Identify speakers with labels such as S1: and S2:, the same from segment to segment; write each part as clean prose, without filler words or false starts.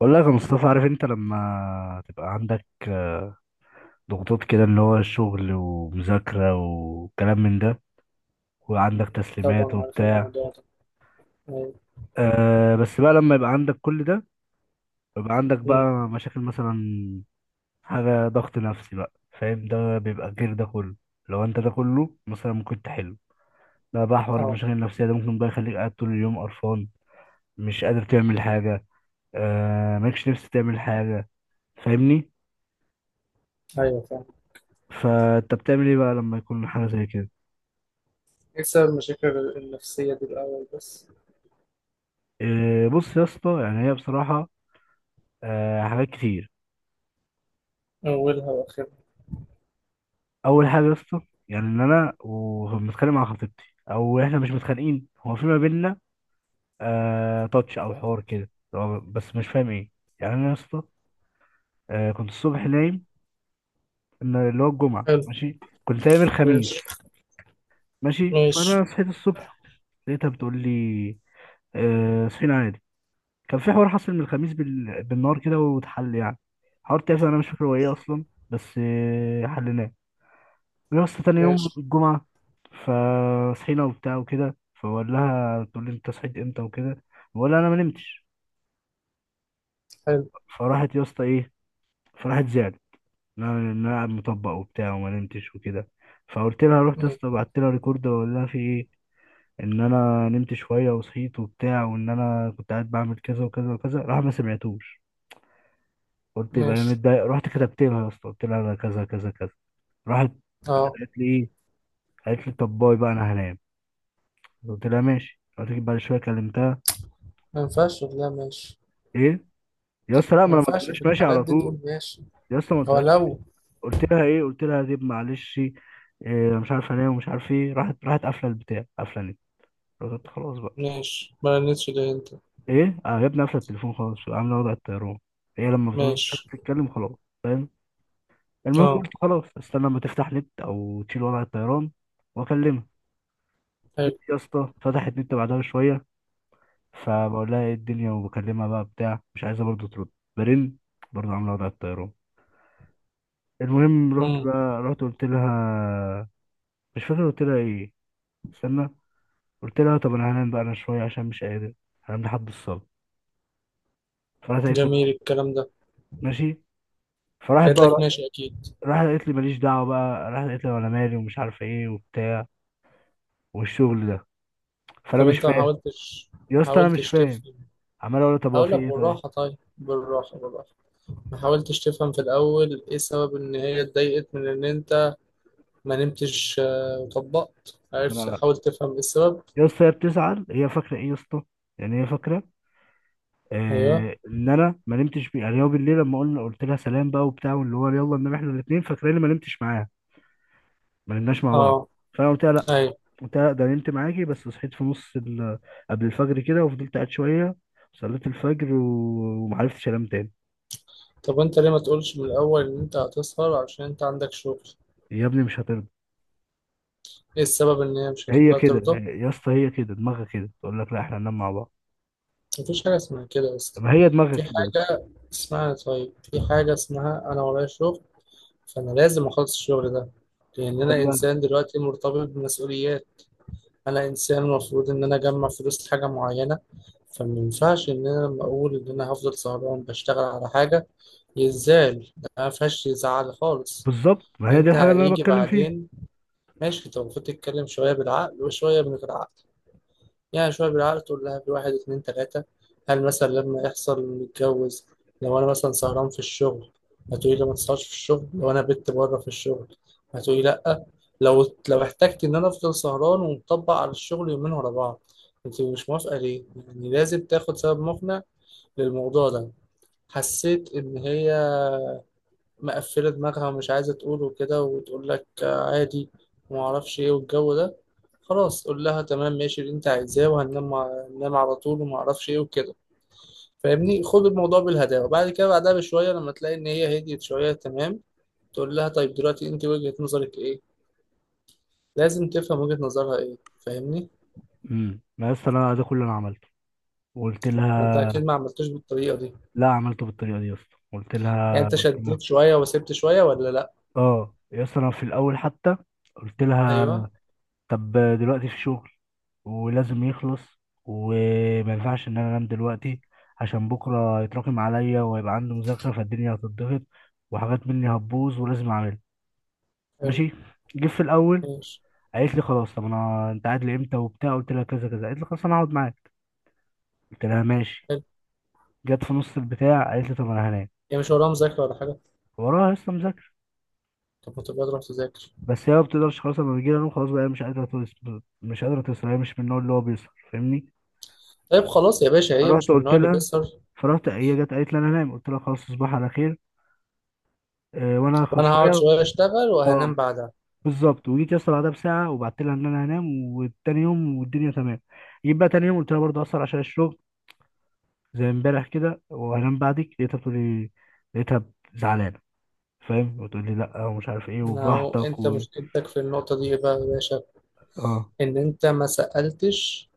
S1: بقول لك يا مصطفى. عارف انت لما تبقى عندك ضغوطات كده، اللي هو الشغل ومذاكرة وكلام من ده، وعندك تسليمات
S2: طبعا عارف
S1: وبتاع.
S2: الموضوع ده. أيوة.
S1: بس بقى لما يبقى عندك كل ده، يبقى عندك
S2: مم.
S1: بقى مشاكل، مثلا حاجة ضغط نفسي بقى. فاهم؟ ده بيبقى غير ده كله. لو انت ده كله مثلا ممكن تحله، ده بقى حوار
S2: اه.
S1: المشاكل النفسية. ده ممكن بقى يخليك قاعد طول اليوم قرفان، مش قادر تعمل حاجة، مالكش نفس تعمل حاجة. فاهمني؟
S2: أيوه فاهم.
S1: فانت بتعمل ايه بقى لما يكون حاجة زي كده؟
S2: إيه سبب المشاكل النفسية دي الأول بس؟
S1: إيه، بص يا اسطى. يعني هي بصراحة حاجات كتير.
S2: أولها وآخرها.
S1: أول حاجة يا اسطى، يعني إن أنا ومتخانق مع خطيبتي، أو إحنا مش متخانقين، هو في ما بينا تاتش أو حوار كده. هو بس مش فاهم إيه. يعني أنا يا اسطى كنت الصبح نايم. إن اللي هو الجمعة
S2: حلو.
S1: ماشي، كنت نايم الخميس
S2: ماشي.
S1: ماشي. فأنا
S2: ماشي.
S1: صحيت الصبح، لقيتها بتقول لي صحينا عادي. كان في حوار حصل من الخميس بالنهار كده، واتحل يعني. حوار تافه، أنا مش فاكر هو إيه أصلا، بس حلناه يا اسطى تاني يوم
S2: ماشي.
S1: الجمعة. فصحينا وبتاع وكده. فبقول لها، تقول لي انت صحيت امتى وكده. بقول لها انا ما نمتش.
S2: حلو.
S1: فراحت يا اسطى ايه، فراحت زعلت، ان انا إن أنا قاعد مطبق وبتاع وما نمتش وكده. فقلت لها، رحت يا
S2: مم.
S1: اسطى بعت لها ريكورد، بقول لها في ايه، ان انا نمت شوية وصحيت وبتاع، وان انا كنت قاعد بعمل كذا وكذا وكذا. راح ما سمعتوش. قلت يبقى هي
S2: ماشي.
S1: متضايقة، رحت كتبت لها يا اسطى، قلت لها انا كذا كذا كذا. راحت راحت
S2: اه.
S1: قالت لي ايه، قالت لي طب باي بقى انا هنام. قلت لها ماشي. قلت لك بعد شوية كلمتها.
S2: ما ينفعش تقول لا ماشي.
S1: ايه يا اسطى، لا
S2: ما
S1: ما انا، ما
S2: ينفعش
S1: قلتلهاش
S2: في
S1: ماشي
S2: الحالات
S1: على
S2: دي
S1: طول.
S2: تقول ماشي.
S1: يا اسطى ما
S2: هو
S1: قلتلهاش ماشي.
S2: لو.
S1: قلت لها ايه، قلت لها دي معلش إيه، مش عارف انام ومش عارف ايه. راحت قافله البتاع، قافله النت. قلت خلاص بقى.
S2: ماشي. ما رنتش ليه أنت؟
S1: ايه اه يا ابني، قافله التليفون خالص، عامله وضع الطيران. هي لما بتعوز مش عارف
S2: ماشي.
S1: تتكلم، خلاص. فاهم؟ المهم،
S2: اه.
S1: قلت خلاص استنى لما تفتح نت او تشيل وضع الطيران واكلمها. جيت
S2: حلو.
S1: يا اسطى فتحت نت بعدها بشويه، فبقول لها ايه الدنيا وبكلمها بقى بتاع، مش عايزه برضه ترد. برن، برضه عامله وضع الطيران. المهم، رحت
S2: مم.
S1: بقى، رحت قلت لها، مش فاكر قلت لها ايه. استنى، قلت لها طب انا هنام بقى انا شويه عشان مش قادر. هنام لحد الصلاه. فراحت قالت
S2: جميل
S1: لي
S2: الكلام ده.
S1: ماشي. فراحت
S2: قالت لك
S1: بقى،
S2: ماشي أكيد.
S1: راحت قالت لي ماليش دعوه بقى. راحت قالت لي وانا مالي ومش عارف ايه وبتاع، والشغل ده. فانا
S2: طب
S1: مش
S2: أنت ما
S1: فاهم.
S2: حاولتش
S1: يا
S2: ما
S1: اسطى انا مش
S2: حاولتش
S1: فاهم،
S2: تفهم؟
S1: عمال اقول لها طب هو
S2: هقول
S1: في
S2: لك
S1: ايه طيب.
S2: بالراحة، طيب بالراحة بالراحة. ما حاولتش تفهم في الأول إيه سبب إن هي اتضايقت من إن أنت ما نمتش وطبقت؟
S1: ما
S2: عرفت،
S1: انا عارف
S2: حاول تفهم إيه السبب.
S1: يا اسطى، هي بتزعل، هي فاكره ايه يا اسطى؟ يعني هي فاكره
S2: أيوه.
S1: ان انا ما نمتش بيه. يعني هو بالليل لما قلنا، قلت لها سلام بقى وبتاع واللي هو يلا ننام احنا الاثنين، فاكراني ما نمتش معاها. ما نمناش مع بعض.
S2: أه.
S1: فانا قلت لها لا،
S2: أيوه.
S1: قلت لها لا ده نمت معاكي، بس صحيت في قبل الفجر كده، وفضلت قاعد شويه. صليت الفجر ومعرفتش انام تاني.
S2: طب أنت ليه ما تقولش من الأول إن أنت هتسهر عشان أنت عندك شغل؟
S1: يا ابني مش هترضى.
S2: إيه السبب إن هي مش
S1: هي
S2: هتخليها
S1: كده
S2: ترضى؟
S1: يا اسطى، هي كده، دماغها كده، تقول لك لا احنا هننام مع بعض.
S2: مفيش حاجة اسمها كده أصلا.
S1: ما هي دماغها
S2: في
S1: كده بس.
S2: حاجة اسمها، طيب، في حاجة اسمها أنا ورايا شغل، فأنا لازم أخلص الشغل ده، لأن
S1: بقول
S2: أنا
S1: لها
S2: إنسان دلوقتي مرتبط بمسؤوليات. انا انسان المفروض ان انا اجمع فلوس لحاجه معينه، فما ينفعش ان انا لما اقول ان انا هفضل سهران بشتغل على حاجه يزعل. ده ما فيهاش يزعل خالص،
S1: بالظبط، ما
S2: لان
S1: هي دي
S2: انت
S1: الحاجه اللي انا
S2: هيجي
S1: بتكلم فيها.
S2: بعدين. ماشي، انت المفروض تتكلم شويه بالعقل وشويه من غير عقل. يعني شوية بالعقل، تقول لها بواحد اتنين تلاتة، هل مثلا لما يحصل نتجوز لو أنا مثلا سهران في الشغل هتقولي لي ما تسهرش في الشغل؟ لو أنا بت بره في الشغل هتقولي لأ؟ لو احتجت إن أنا أفضل سهران ومطبق على الشغل يومين ورا بعض، أنت مش موافقة ليه؟ يعني لازم تاخد سبب مقنع للموضوع ده. حسيت إن هي مقفلة دماغها ومش عايزة تقول وكده، وتقول لك عادي وما اعرفش ايه والجو ده. خلاص قول لها تمام، ماشي اللي انت عايزاه، وهننام ننام على طول وما اعرفش ايه وكده. فاهمني؟ خد الموضوع بالهداوة، بعد كده بعدها بشوية لما تلاقي ان هي هديت شوية تمام، تقول لها طيب دلوقتي انت وجهة نظرك ايه؟ لازم تفهم وجهة نظرها ايه. فاهمني؟
S1: ما يا اسطى انا ده كل اللي انا عملته وقلت
S2: ما انت
S1: لها.
S2: اكيد ما عملتوش بالطريقة دي.
S1: لا عملته بالطريقه دي يا اسطى، قلت
S2: يعني
S1: لها
S2: انت
S1: قلت لها
S2: شديت شوية وسبت شوية ولا لا؟
S1: اه يا اسطى انا في الاول حتى قلت لها،
S2: ايوه.
S1: طب دلوقتي في شغل ولازم يخلص، وما ينفعش ان انا انام دلوقتي، عشان بكره يتراكم عليا ويبقى عندي مذاكره، فالدنيا هتضغط وحاجات مني هتبوظ ولازم اعملها.
S2: حلو.
S1: ماشي. جه في الاول
S2: ماشي.
S1: قالت لي خلاص، طب انا انت قاعد لامتى وبتاع، قلت لها كذا كذا. قالت لي خلاص انا هقعد معاك، قلت لها ماشي.
S2: حلو.
S1: جت في نص البتاع قالت لي طب انا هنام.
S2: يعني مش وراها مذاكرة ولا حاجة؟
S1: وراها لسه مذاكره.
S2: طب ما تبقى تروح تذاكر.
S1: بس هي ما بتقدرش خلاص، لما بيجي لها نوم خلاص بقى، هي مش قادره توصل، مش قادره توصل، هي مش من النوع اللي هو بيسهر. فاهمني؟
S2: طيب خلاص يا باشا، هي
S1: فرحت
S2: مش من
S1: قلت
S2: النوع اللي
S1: لها
S2: بيسهر.
S1: فرحت هي جت قالت لي انا نايم، قلت لها خلاص تصبح على خير وانا هاخد
S2: وانا هقعد
S1: شويه.
S2: شويه اشتغل
S1: اه،
S2: وهنام بعدها.
S1: بالظبط. وجيت يا اسطى بعدها بساعه وبعت لها ان انا هنام، والتاني يوم والدنيا تمام. جيت بقى تاني يوم قلت لها برضه اصلا عشان الشغل، زي امبارح كده، وهنام بعدك. لقيتها بتقول لي، لقيتها زعلانه، فاهم، وتقول لي لا ومش عارف ايه
S2: انا، هو
S1: وبراحتك
S2: انت
S1: و...
S2: مشكلتك في النقطه دي إيه بقى يا باشا؟
S1: اه
S2: ان انت ما سالتش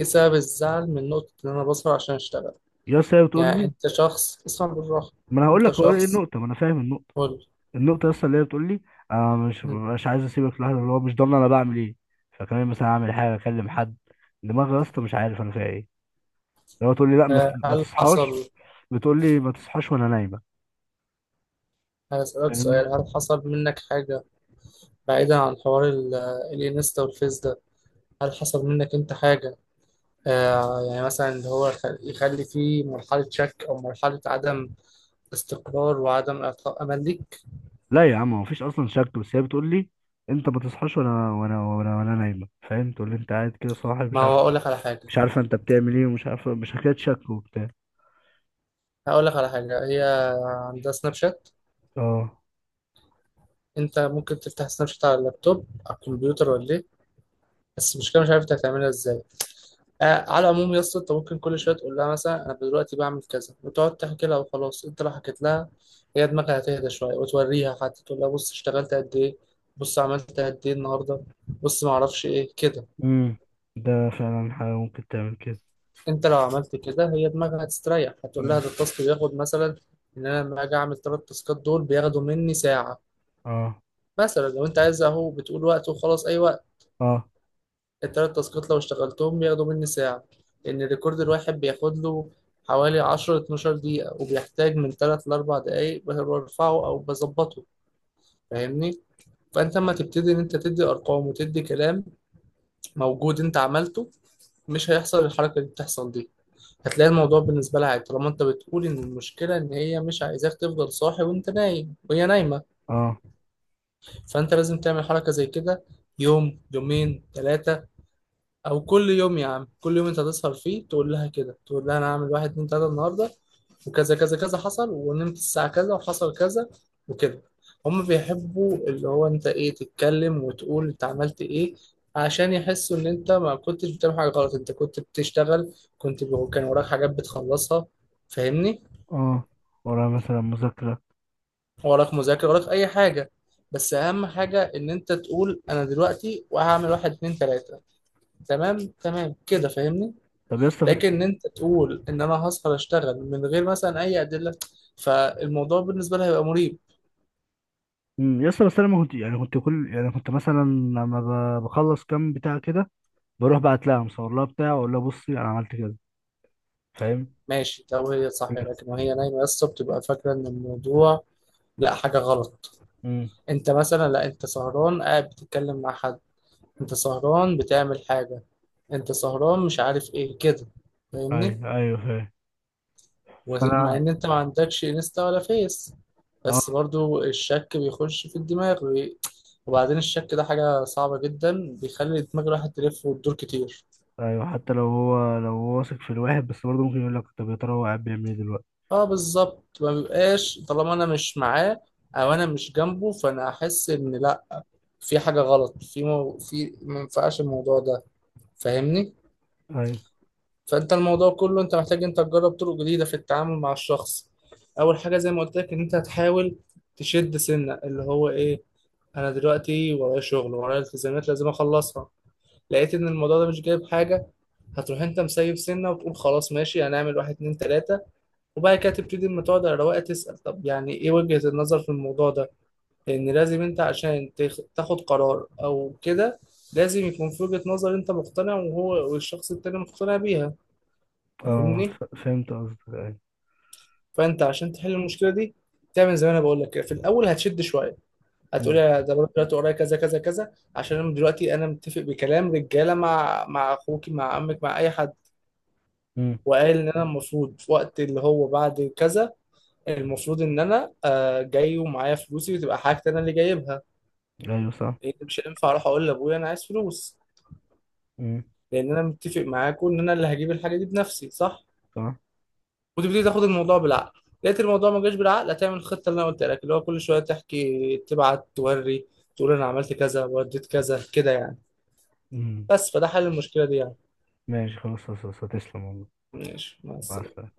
S2: ايه سبب الزعل من نقطه ان انا بسهر عشان اشتغل.
S1: يا اسطى، هي بتقول
S2: يعني
S1: لي.
S2: انت شخص، اسمع بالراحه،
S1: ما انا هقول
S2: انت
S1: لك هو ايه
S2: شخص.
S1: النقطه، ما انا فاهم النقطه.
S2: قول
S1: النقطة أصلا اللي هي بتقول لي، أنا مش
S2: لي،
S1: مش عايز أسيبك لوحدك، اللي هو مش ضامن أنا بعمل إيه. فكمان مثلا أعمل حاجة، أكلم حد. دماغي يا اسطى مش عارف أنا فيها إيه. اللي هو تقول لي لأ، ما
S2: هل
S1: تصحاش.
S2: حصل؟
S1: بتقول لي ما تصحاش وأنا نايمة،
S2: هسألك
S1: فاهمني؟
S2: سؤال، هل حصل منك حاجه بعيدا عن حوار الانستا والفيس ده؟ هل حصل منك انت حاجه يعني مثلا اللي هو يخلي فيه مرحله شك او مرحله عدم استقرار وعدم إعطاء أمل ليك؟
S1: لا يا عم، هو مفيش أصلا شك. بس هي بتقول لي أنت ما تصحاش وأنا وأنا وأنا وأنا نايمة، فاهم؟ تقول لي أنت قاعد كده صاحي،
S2: ما
S1: مش عارف،
S2: هو أقول لك على حاجة،
S1: مش عارفة أنت بتعمل إيه، ومش عارفة، مش حكاية شك وبتاع.
S2: هقول لك على حاجة. هي عندها سناب شات،
S1: أه.
S2: أنت ممكن تفتح سناب شات على اللابتوب على الكمبيوتر ولا إيه؟ بس المشكلة مش عارف أنت هتعملها إزاي. على العموم يا اسطى، أنت ممكن كل شوية تقول لها مثلا أنا دلوقتي بعمل كذا، وتقعد تحكي لها وخلاص. أنت لو حكيت لها، هي دماغها هتهدى شوية. وتوريها حتى، تقول لها بص اشتغلت قد إيه، بص عملت قد إيه النهاردة، بص معرفش إيه كده.
S1: أمم ده فعلا حاجة ممكن تعمل كده.
S2: انت لو عملت كده هي دماغك هتستريح. هتقول لها
S1: أمم
S2: ده التاسك بياخد مثلا، ان انا لما اجي اعمل ثلاث تاسكات دول بياخدوا مني ساعه.
S1: أه،
S2: مثلا لو انت عايز اهو، بتقول وقت وخلاص اي وقت.
S1: أه،
S2: الثلاث تاسكات لو اشتغلتهم بياخدوا مني ساعه، لان الريكورد الواحد بياخد له حوالي 10 12 دقيقه، وبيحتاج من 3 ل 4 دقائق برفعه او بظبطه. فاهمني؟ فانت لما تبتدي ان انت تدي ارقام وتدي كلام موجود انت عملته، مش هيحصل الحركه اللي بتحصل دي. هتلاقي الموضوع بالنسبة لها عادي، طالما انت بتقول ان المشكلة ان هي مش عايزاك تفضل صاحي وانت نايم وهي نايمة.
S1: أه،
S2: فانت لازم تعمل حركة زي كده يوم يومين ثلاثة، او كل يوم يا عم، كل يوم انت هتسهر فيه تقول لها كده، تقول لها انا هعمل واحد اتنين تلاتة النهاردة، وكذا كذا كذا حصل، ونمت الساعة كذا، وحصل كذا وكده. هم بيحبوا اللي هو انت ايه، تتكلم وتقول انت عملت ايه، عشان يحسوا ان انت ما كنتش بتعمل حاجة غلط، انت كنت بتشتغل، كنت كان وراك حاجات بتخلصها. فاهمني؟
S1: اه، ورايا مثلا مذاكرة.
S2: وراك مذاكرة، وراك أي حاجة، بس أهم حاجة إن أنت تقول أنا دلوقتي وهعمل واحد اتنين تلاتة. تمام تمام كده، فاهمني؟
S1: طب يا اسطى
S2: لكن إن أنت تقول إن أنا هسهر أشتغل من غير مثلا أي أدلة، فالموضوع بالنسبة لها هيبقى مريب.
S1: يا اسطى بس انا ما كنت يعني كنت كل يعني كنت مثلا لما بخلص كام بتاع كده، بروح بعت لها، مصور لها بتاع، واقول لها بصي انا عملت كده. فاهم؟
S2: ماشي لو هي صح، لكن وهي نايمة يا اسطى بتبقى فاكرة إن الموضوع لا، حاجة غلط.
S1: امم
S2: أنت مثلا، لا أنت سهران قاعد بتتكلم مع حد، أنت سهران بتعمل حاجة، أنت سهران مش عارف إيه كده. فاهمني؟
S1: ايوه، ايوه، فاهم.
S2: ومع
S1: فانا.
S2: ان انت ما عندكش انستا ولا فيس، بس
S1: اه،
S2: برضو الشك بيخش في الدماغ وبعدين الشك ده حاجة صعبة جدا، بيخلي دماغ الواحد تلف وتدور كتير.
S1: ايوه، حتى لو هو واثق في الواحد، بس برضه ممكن يقول لك طب يا ترى هو قاعد بيعمل ايه دلوقتي؟
S2: اه بالظبط، ما بيبقاش طالما انا مش معاه او انا مش جنبه، فانا احس ان لا، في حاجة غلط في مو في ما ينفعش الموضوع ده. فاهمني؟
S1: ايوه،
S2: فانت الموضوع كله، انت محتاج انت تجرب طرق جديدة في التعامل مع الشخص. اول حاجة زي ما قلت لك، ان انت هتحاول تشد سنة اللي هو ايه، انا دلوقتي ورايا شغل ورايا التزامات لازم اخلصها. لقيت ان الموضوع ده مش جايب حاجه، هتروح انت مسيب سنه وتقول خلاص ماشي، هنعمل واحد اتنين تلاته. وبعد كده تبتدي لما تقعد على رواقه تسال، طب يعني ايه وجهه النظر في الموضوع ده؟ لان لازم انت عشان تاخد قرار او كده، لازم يكون في وجهه نظر انت مقتنع وهو والشخص التاني مقتنع بيها.
S1: اه،
S2: فاهمني؟
S1: فهمت قصدك. ايوه.
S2: فانت عشان تحل المشكله دي، تعمل زي ما انا بقول لك كده، في الاول هتشد شويه، هتقولي
S1: امم
S2: يا ده بروح دلوقتي ورايا كذا كذا كذا عشان انا دلوقتي، انا متفق بكلام رجاله مع اخوكي مع عمك مع اي حد.
S1: امم
S2: وقال ان انا المفروض في وقت اللي هو بعد كذا، المفروض ان انا جاي ومعايا فلوسي وتبقى حاجتي انا اللي جايبها.
S1: ايوه صح.
S2: لان مش هينفع اروح اقول لابويا انا عايز فلوس،
S1: امم
S2: لان انا متفق معاكم ان انا اللي هجيب الحاجه دي بنفسي، صح؟
S1: صح.
S2: وتبتدي تاخد الموضوع بالعقل، لقيت الموضوع ما جاش بالعقل، هتعمل الخطه اللي انا قلت لك، اللي هو كل شويه تحكي تبعت توري، تقول انا عملت كذا وديت كذا كده، يعني.
S1: امم
S2: بس، فده حل المشكله دي يعني.
S1: ماشي، خلاص، خلاص، خلاص، تسلم والله.
S2: ماشي، مع
S1: مع
S2: السلامة.
S1: السلامة.